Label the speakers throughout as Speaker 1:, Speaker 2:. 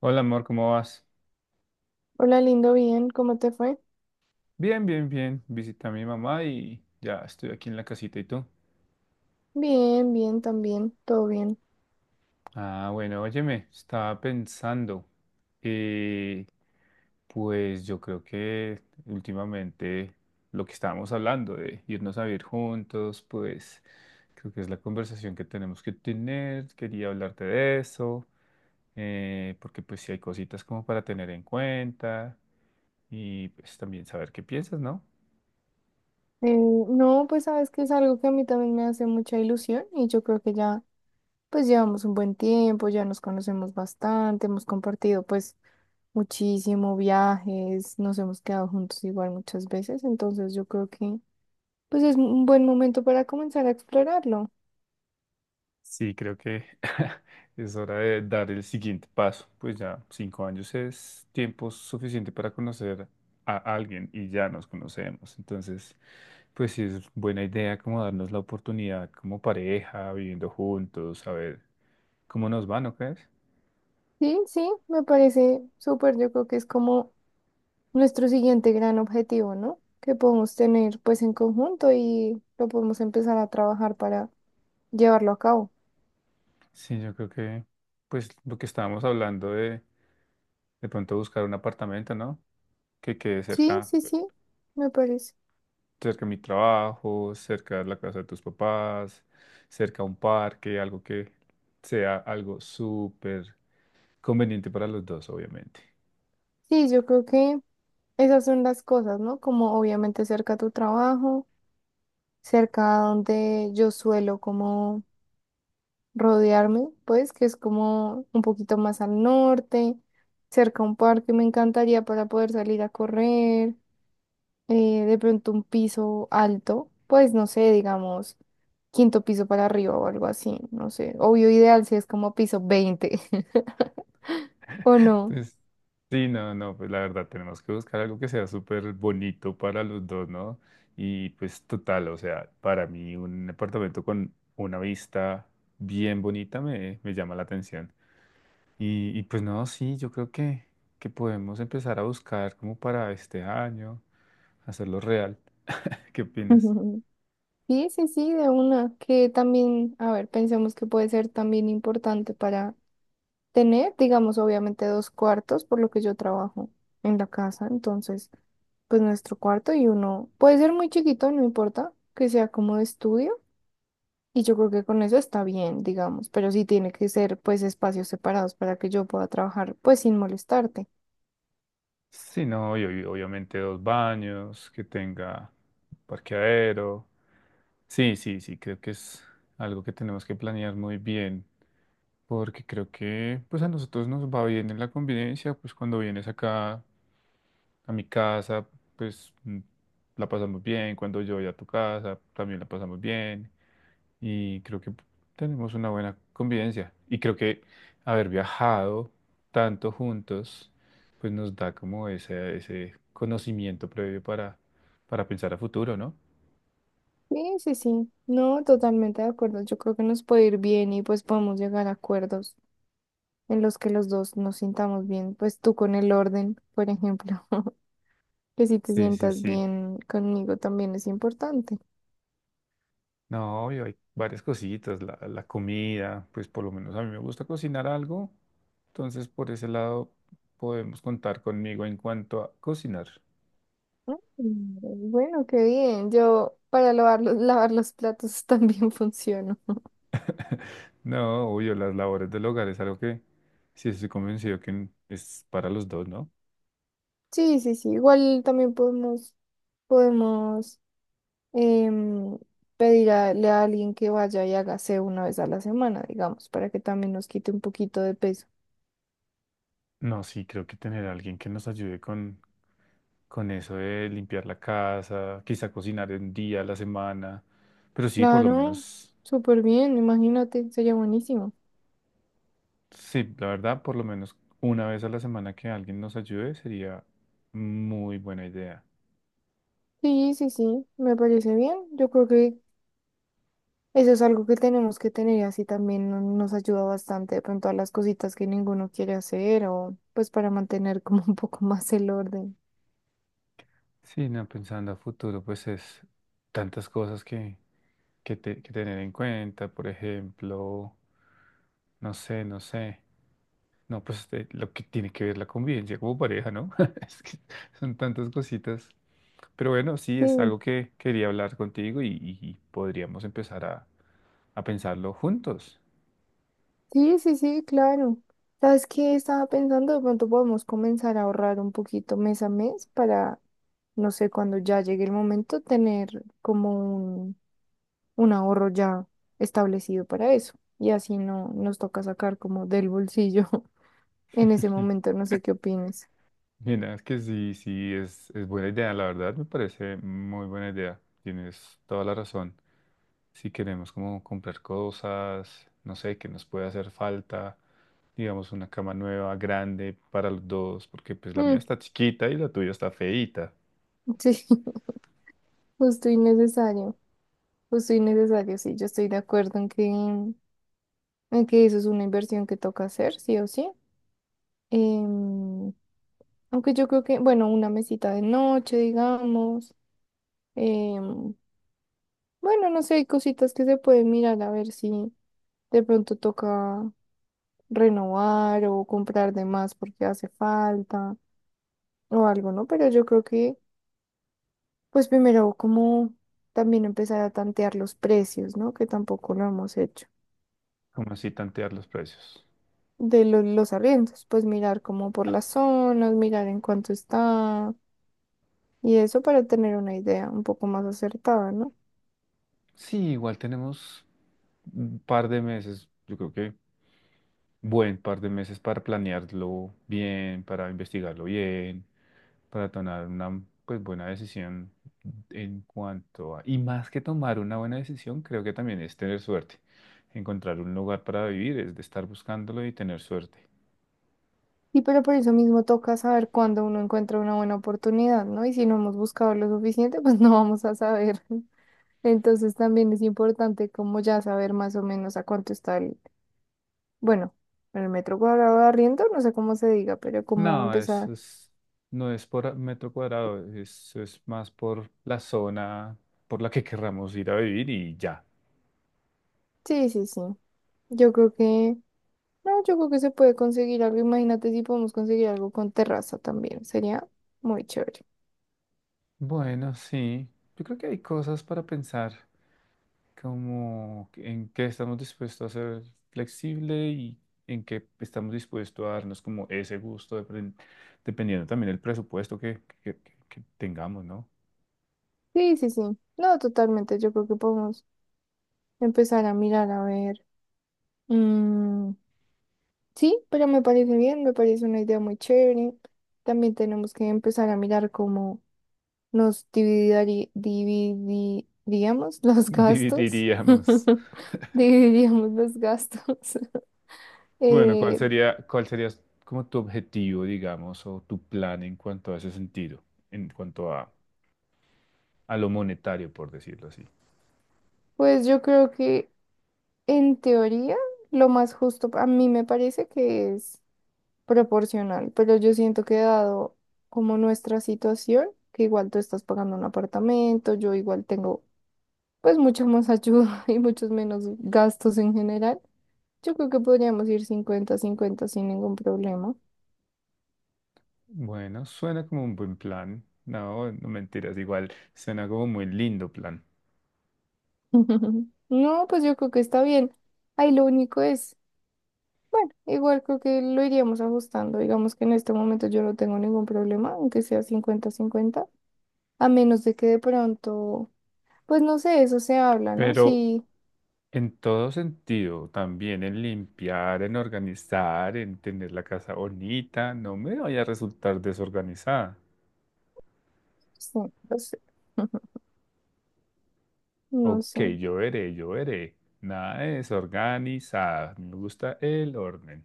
Speaker 1: Hola amor, ¿cómo vas?
Speaker 2: Hola, lindo, bien, ¿cómo te fue?
Speaker 1: Bien, bien, bien. Visité a mi mamá y ya estoy aquí en la casita. ¿Y tú?
Speaker 2: Bien, bien, también, todo bien.
Speaker 1: Ah, bueno, óyeme, estaba pensando. eh, pues yo creo que últimamente lo que estábamos hablando de irnos a vivir juntos, pues creo que es la conversación que tenemos que tener. Quería hablarte de eso, porque pues sí hay cositas como para tener en cuenta y pues también saber qué piensas, ¿no?
Speaker 2: Eh, no, pues sabes que es algo que a mí también me hace mucha ilusión y yo creo que ya, pues llevamos un buen tiempo, ya nos conocemos bastante, hemos compartido pues muchísimo viajes, nos hemos quedado juntos igual muchas veces, entonces yo creo que pues es un buen momento para comenzar a explorarlo.
Speaker 1: Sí, creo que es hora de dar el siguiente paso. Pues ya 5 años es tiempo suficiente para conocer a alguien y ya nos conocemos. Entonces, pues sí es buena idea como darnos la oportunidad como pareja, viviendo juntos, a ver cómo nos va, ¿no crees?
Speaker 2: Sí, sí, me parece súper, yo creo que es como nuestro siguiente gran objetivo, ¿no? Que podemos tener pues en conjunto y lo podemos empezar a trabajar para llevarlo a cabo.
Speaker 1: Sí, yo creo que pues lo que estábamos hablando de pronto buscar un apartamento, ¿no? Que quede
Speaker 2: Sí,
Speaker 1: cerca,
Speaker 2: sí, sí, me parece.
Speaker 1: cerca de mi trabajo, cerca de la casa de tus papás, cerca a un parque, algo que sea algo súper conveniente para los dos, obviamente.
Speaker 2: Sí, yo creo que esas son las cosas, ¿no? Como obviamente cerca a tu trabajo, cerca a donde yo suelo como rodearme, pues que es como un poquito más al norte, cerca a un parque me encantaría para poder salir a correr, de pronto un piso alto, pues no sé, digamos, quinto piso para arriba o algo así, no sé. Obvio ideal si es como piso 20, o no.
Speaker 1: Entonces, sí, no, no, pues la verdad tenemos que buscar algo que sea súper bonito para los dos, ¿no? Y pues total, o sea, para mí un apartamento con una vista bien bonita me llama la atención. Y pues no, sí, yo creo que podemos empezar a buscar como para este año, hacerlo real. ¿Qué opinas?
Speaker 2: Sí, sí, sí, de una, que también, a ver, pensemos que puede ser también importante para tener, digamos, obviamente dos cuartos, por lo que yo trabajo en la casa. Entonces, pues nuestro cuarto y uno, puede ser muy chiquito, no importa, que sea como de estudio. Y yo creo que con eso está bien, digamos, pero sí tiene que ser pues espacios separados para que yo pueda trabajar pues sin molestarte.
Speaker 1: Sí, no, y obviamente dos baños, que tenga parqueadero. Sí, sí, sí, creo que es algo que tenemos que planear muy bien, porque creo que pues a nosotros nos va bien en la convivencia, pues cuando vienes acá, a mi casa, pues la pasamos bien. Cuando yo voy a tu casa, también la pasamos bien. Y creo que tenemos una buena convivencia. Y creo que haber viajado tanto juntos, pues nos da como ese conocimiento previo para pensar a futuro, ¿no?
Speaker 2: Sí, sí, sí, no, totalmente de acuerdo. Yo creo que nos puede ir bien y pues podemos llegar a acuerdos en los que los dos nos sintamos bien, pues tú con el orden, por ejemplo, que si te
Speaker 1: Sí, sí,
Speaker 2: sientas
Speaker 1: sí.
Speaker 2: bien conmigo también es importante.
Speaker 1: No, obvio, hay varias cositas. La comida, pues por lo menos a mí me gusta cocinar algo. Entonces, por ese lado, podemos contar conmigo en cuanto a cocinar.
Speaker 2: Mm, Bueno, qué bien, yo para lavar los platos también funciono.
Speaker 1: No, obvio, las labores del hogar es algo que sí estoy convencido que es para los dos, ¿no?
Speaker 2: Sí, sí, sí, igual también podemos, podemos. em, pedirle a alguien que vaya y hágase una vez a la semana, digamos, para que también nos quite un poquito de peso.
Speaker 1: No, sí, creo que tener a alguien que nos ayude con eso de limpiar la casa, quizá cocinar un día a la semana, pero sí, por lo
Speaker 2: Claro,
Speaker 1: menos,
Speaker 2: súper bien, imagínate, sería buenísimo.
Speaker 1: sí, la verdad, por lo menos una vez a la semana que alguien nos ayude sería muy buena idea.
Speaker 2: Sí, sí, sí, me parece bien. Yo creo que eso es algo que tenemos que tener y así también nos ayuda bastante de pronto a las cositas que ninguno quiere hacer o pues para mantener como un poco más el orden.
Speaker 1: Sí, no, pensando a futuro, pues es tantas cosas que tener en cuenta, por ejemplo, no sé, no sé. No, pues este, lo que tiene que ver la convivencia como pareja, ¿no? Es que son tantas cositas. Pero bueno, sí, es
Speaker 2: Sí.
Speaker 1: algo que quería hablar contigo y podríamos empezar a pensarlo juntos.
Speaker 2: Sí, sí, sí, claro. ¿Sabes qué? Estaba pensando, de pronto podemos comenzar a ahorrar un poquito mes a mes para, no sé, cuando ya llegue el momento, tener como un ahorro ya establecido para eso. Y así no nos toca sacar como del bolsillo en ese momento, no sé qué opines.
Speaker 1: Mira, es que sí, sí, es buena idea, la verdad me parece muy buena idea. Tienes toda la razón. Si queremos como comprar cosas, no sé, que nos puede hacer falta, digamos una cama nueva, grande para los dos, porque pues la mía
Speaker 2: Mm,
Speaker 1: está chiquita y la tuya está feíta.
Speaker 2: sí, justo y necesario, justo y necesario, sí, yo estoy de acuerdo en que eso es una inversión que toca hacer, sí o sí. Em, Aunque yo creo que, bueno, una mesita de noche, digamos. em, bueno, no sé, hay cositas que se pueden mirar a ver si de pronto toca renovar o comprar de más porque hace falta o algo, ¿no? Pero yo creo que, pues primero como también empezar a tantear los precios, ¿no? Que tampoco lo hemos hecho.
Speaker 1: Como así tantear los precios?
Speaker 2: De los arriendos, pues mirar como por las zonas, mirar en cuánto está y eso para tener una idea un poco más acertada, ¿no?
Speaker 1: Sí, igual tenemos un par de meses, yo creo que buen par de meses para planearlo bien, para investigarlo bien, para tomar una pues buena decisión en cuanto a… Y más que tomar una buena decisión, creo que también es tener suerte. Encontrar un lugar para vivir es de estar buscándolo y tener suerte.
Speaker 2: Sí, pero por eso mismo toca saber cuándo uno encuentra una buena oportunidad, ¿no? Y si no hemos buscado lo suficiente, pues no vamos a saber. Entonces también es importante como ya saber más o menos a cuánto está el, bueno, el metro cuadrado de arriendo, no sé cómo se diga, pero cómo
Speaker 1: No,
Speaker 2: empezar.
Speaker 1: eso es, no es por metro cuadrado, eso es más por la zona por la que querramos ir a vivir y ya.
Speaker 2: Sí, sí, sí. Yo creo que, no, yo creo que se puede conseguir algo. Imagínate si podemos conseguir algo con terraza también. Sería muy chévere.
Speaker 1: Bueno, sí. Yo creo que hay cosas para pensar, como en qué estamos dispuestos a ser flexible y en qué estamos dispuestos a darnos como ese gusto, dependiendo también del presupuesto que tengamos, ¿no?
Speaker 2: Sí, sí, sí. No, totalmente. Yo creo que podemos empezar a mirar a ver. Mm, sí, pero me parece bien, me parece una idea muy chévere. También tenemos que empezar a mirar cómo nos dividiríamos los gastos.
Speaker 1: Dividiríamos.
Speaker 2: Dividiríamos los gastos.
Speaker 1: Bueno, ¿cuál
Speaker 2: Eh,
Speaker 1: sería, cuál sería como tu objetivo, digamos, o tu plan en cuanto a ese sentido, en cuanto a lo monetario, por decirlo así?
Speaker 2: pues yo creo que en teoría lo más justo a mí me parece que es proporcional, pero yo siento que dado como nuestra situación, que igual tú estás pagando un apartamento, yo igual tengo pues mucha más ayuda y muchos menos gastos en general. Yo creo que podríamos ir 50/50 sin ningún problema.
Speaker 1: Bueno, suena como un buen plan. No, no mentiras, igual suena como un muy lindo plan.
Speaker 2: No, pues yo creo que está bien. Ahí lo único es, bueno, igual creo que lo iríamos ajustando. Digamos que en este momento yo no tengo ningún problema, aunque sea 50/50 a menos de que de pronto, pues no sé, eso se habla, ¿no?
Speaker 1: Pero
Speaker 2: Sí,
Speaker 1: en todo sentido, también en limpiar, en organizar, en tener la casa bonita, no me vaya a resultar desorganizada.
Speaker 2: sí, lo sé. No
Speaker 1: Ok,
Speaker 2: sé.
Speaker 1: yo veré, yo veré. Nada de desorganizada. Me gusta el orden.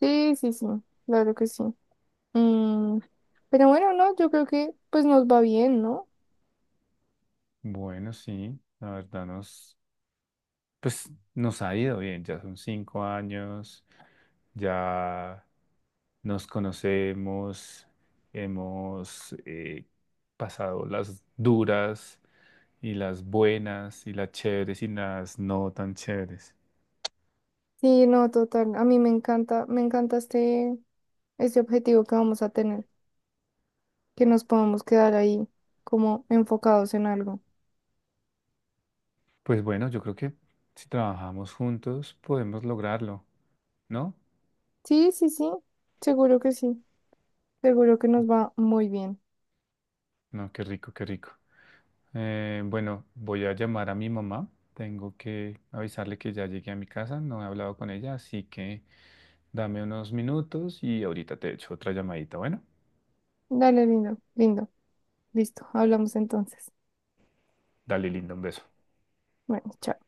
Speaker 2: Sí, sí, sí, claro que sí. Mm, pero bueno, no, yo creo que pues nos va bien, ¿no?
Speaker 1: Bueno, sí, la verdad nos, pues nos ha ido bien. Ya son 5 años. Ya, nos conocemos, hemos pasado las duras y las buenas y las chéveres y las no tan chéveres.
Speaker 2: Sí, no, total. A mí me encanta este, este objetivo que vamos a tener, que nos podamos quedar ahí como enfocados en algo.
Speaker 1: Pues bueno, yo creo que si trabajamos juntos podemos lograrlo, ¿no?
Speaker 2: Sí, sí, sí, seguro que nos va muy bien.
Speaker 1: No, qué rico, qué rico. Bueno, voy a llamar a mi mamá. Tengo que avisarle que ya llegué a mi casa, no he hablado con ella, así que dame unos minutos y ahorita te echo otra llamadita. Bueno,
Speaker 2: Dale, lindo, lindo. Listo, hablamos entonces.
Speaker 1: dale, linda, un beso.
Speaker 2: Bueno, chao.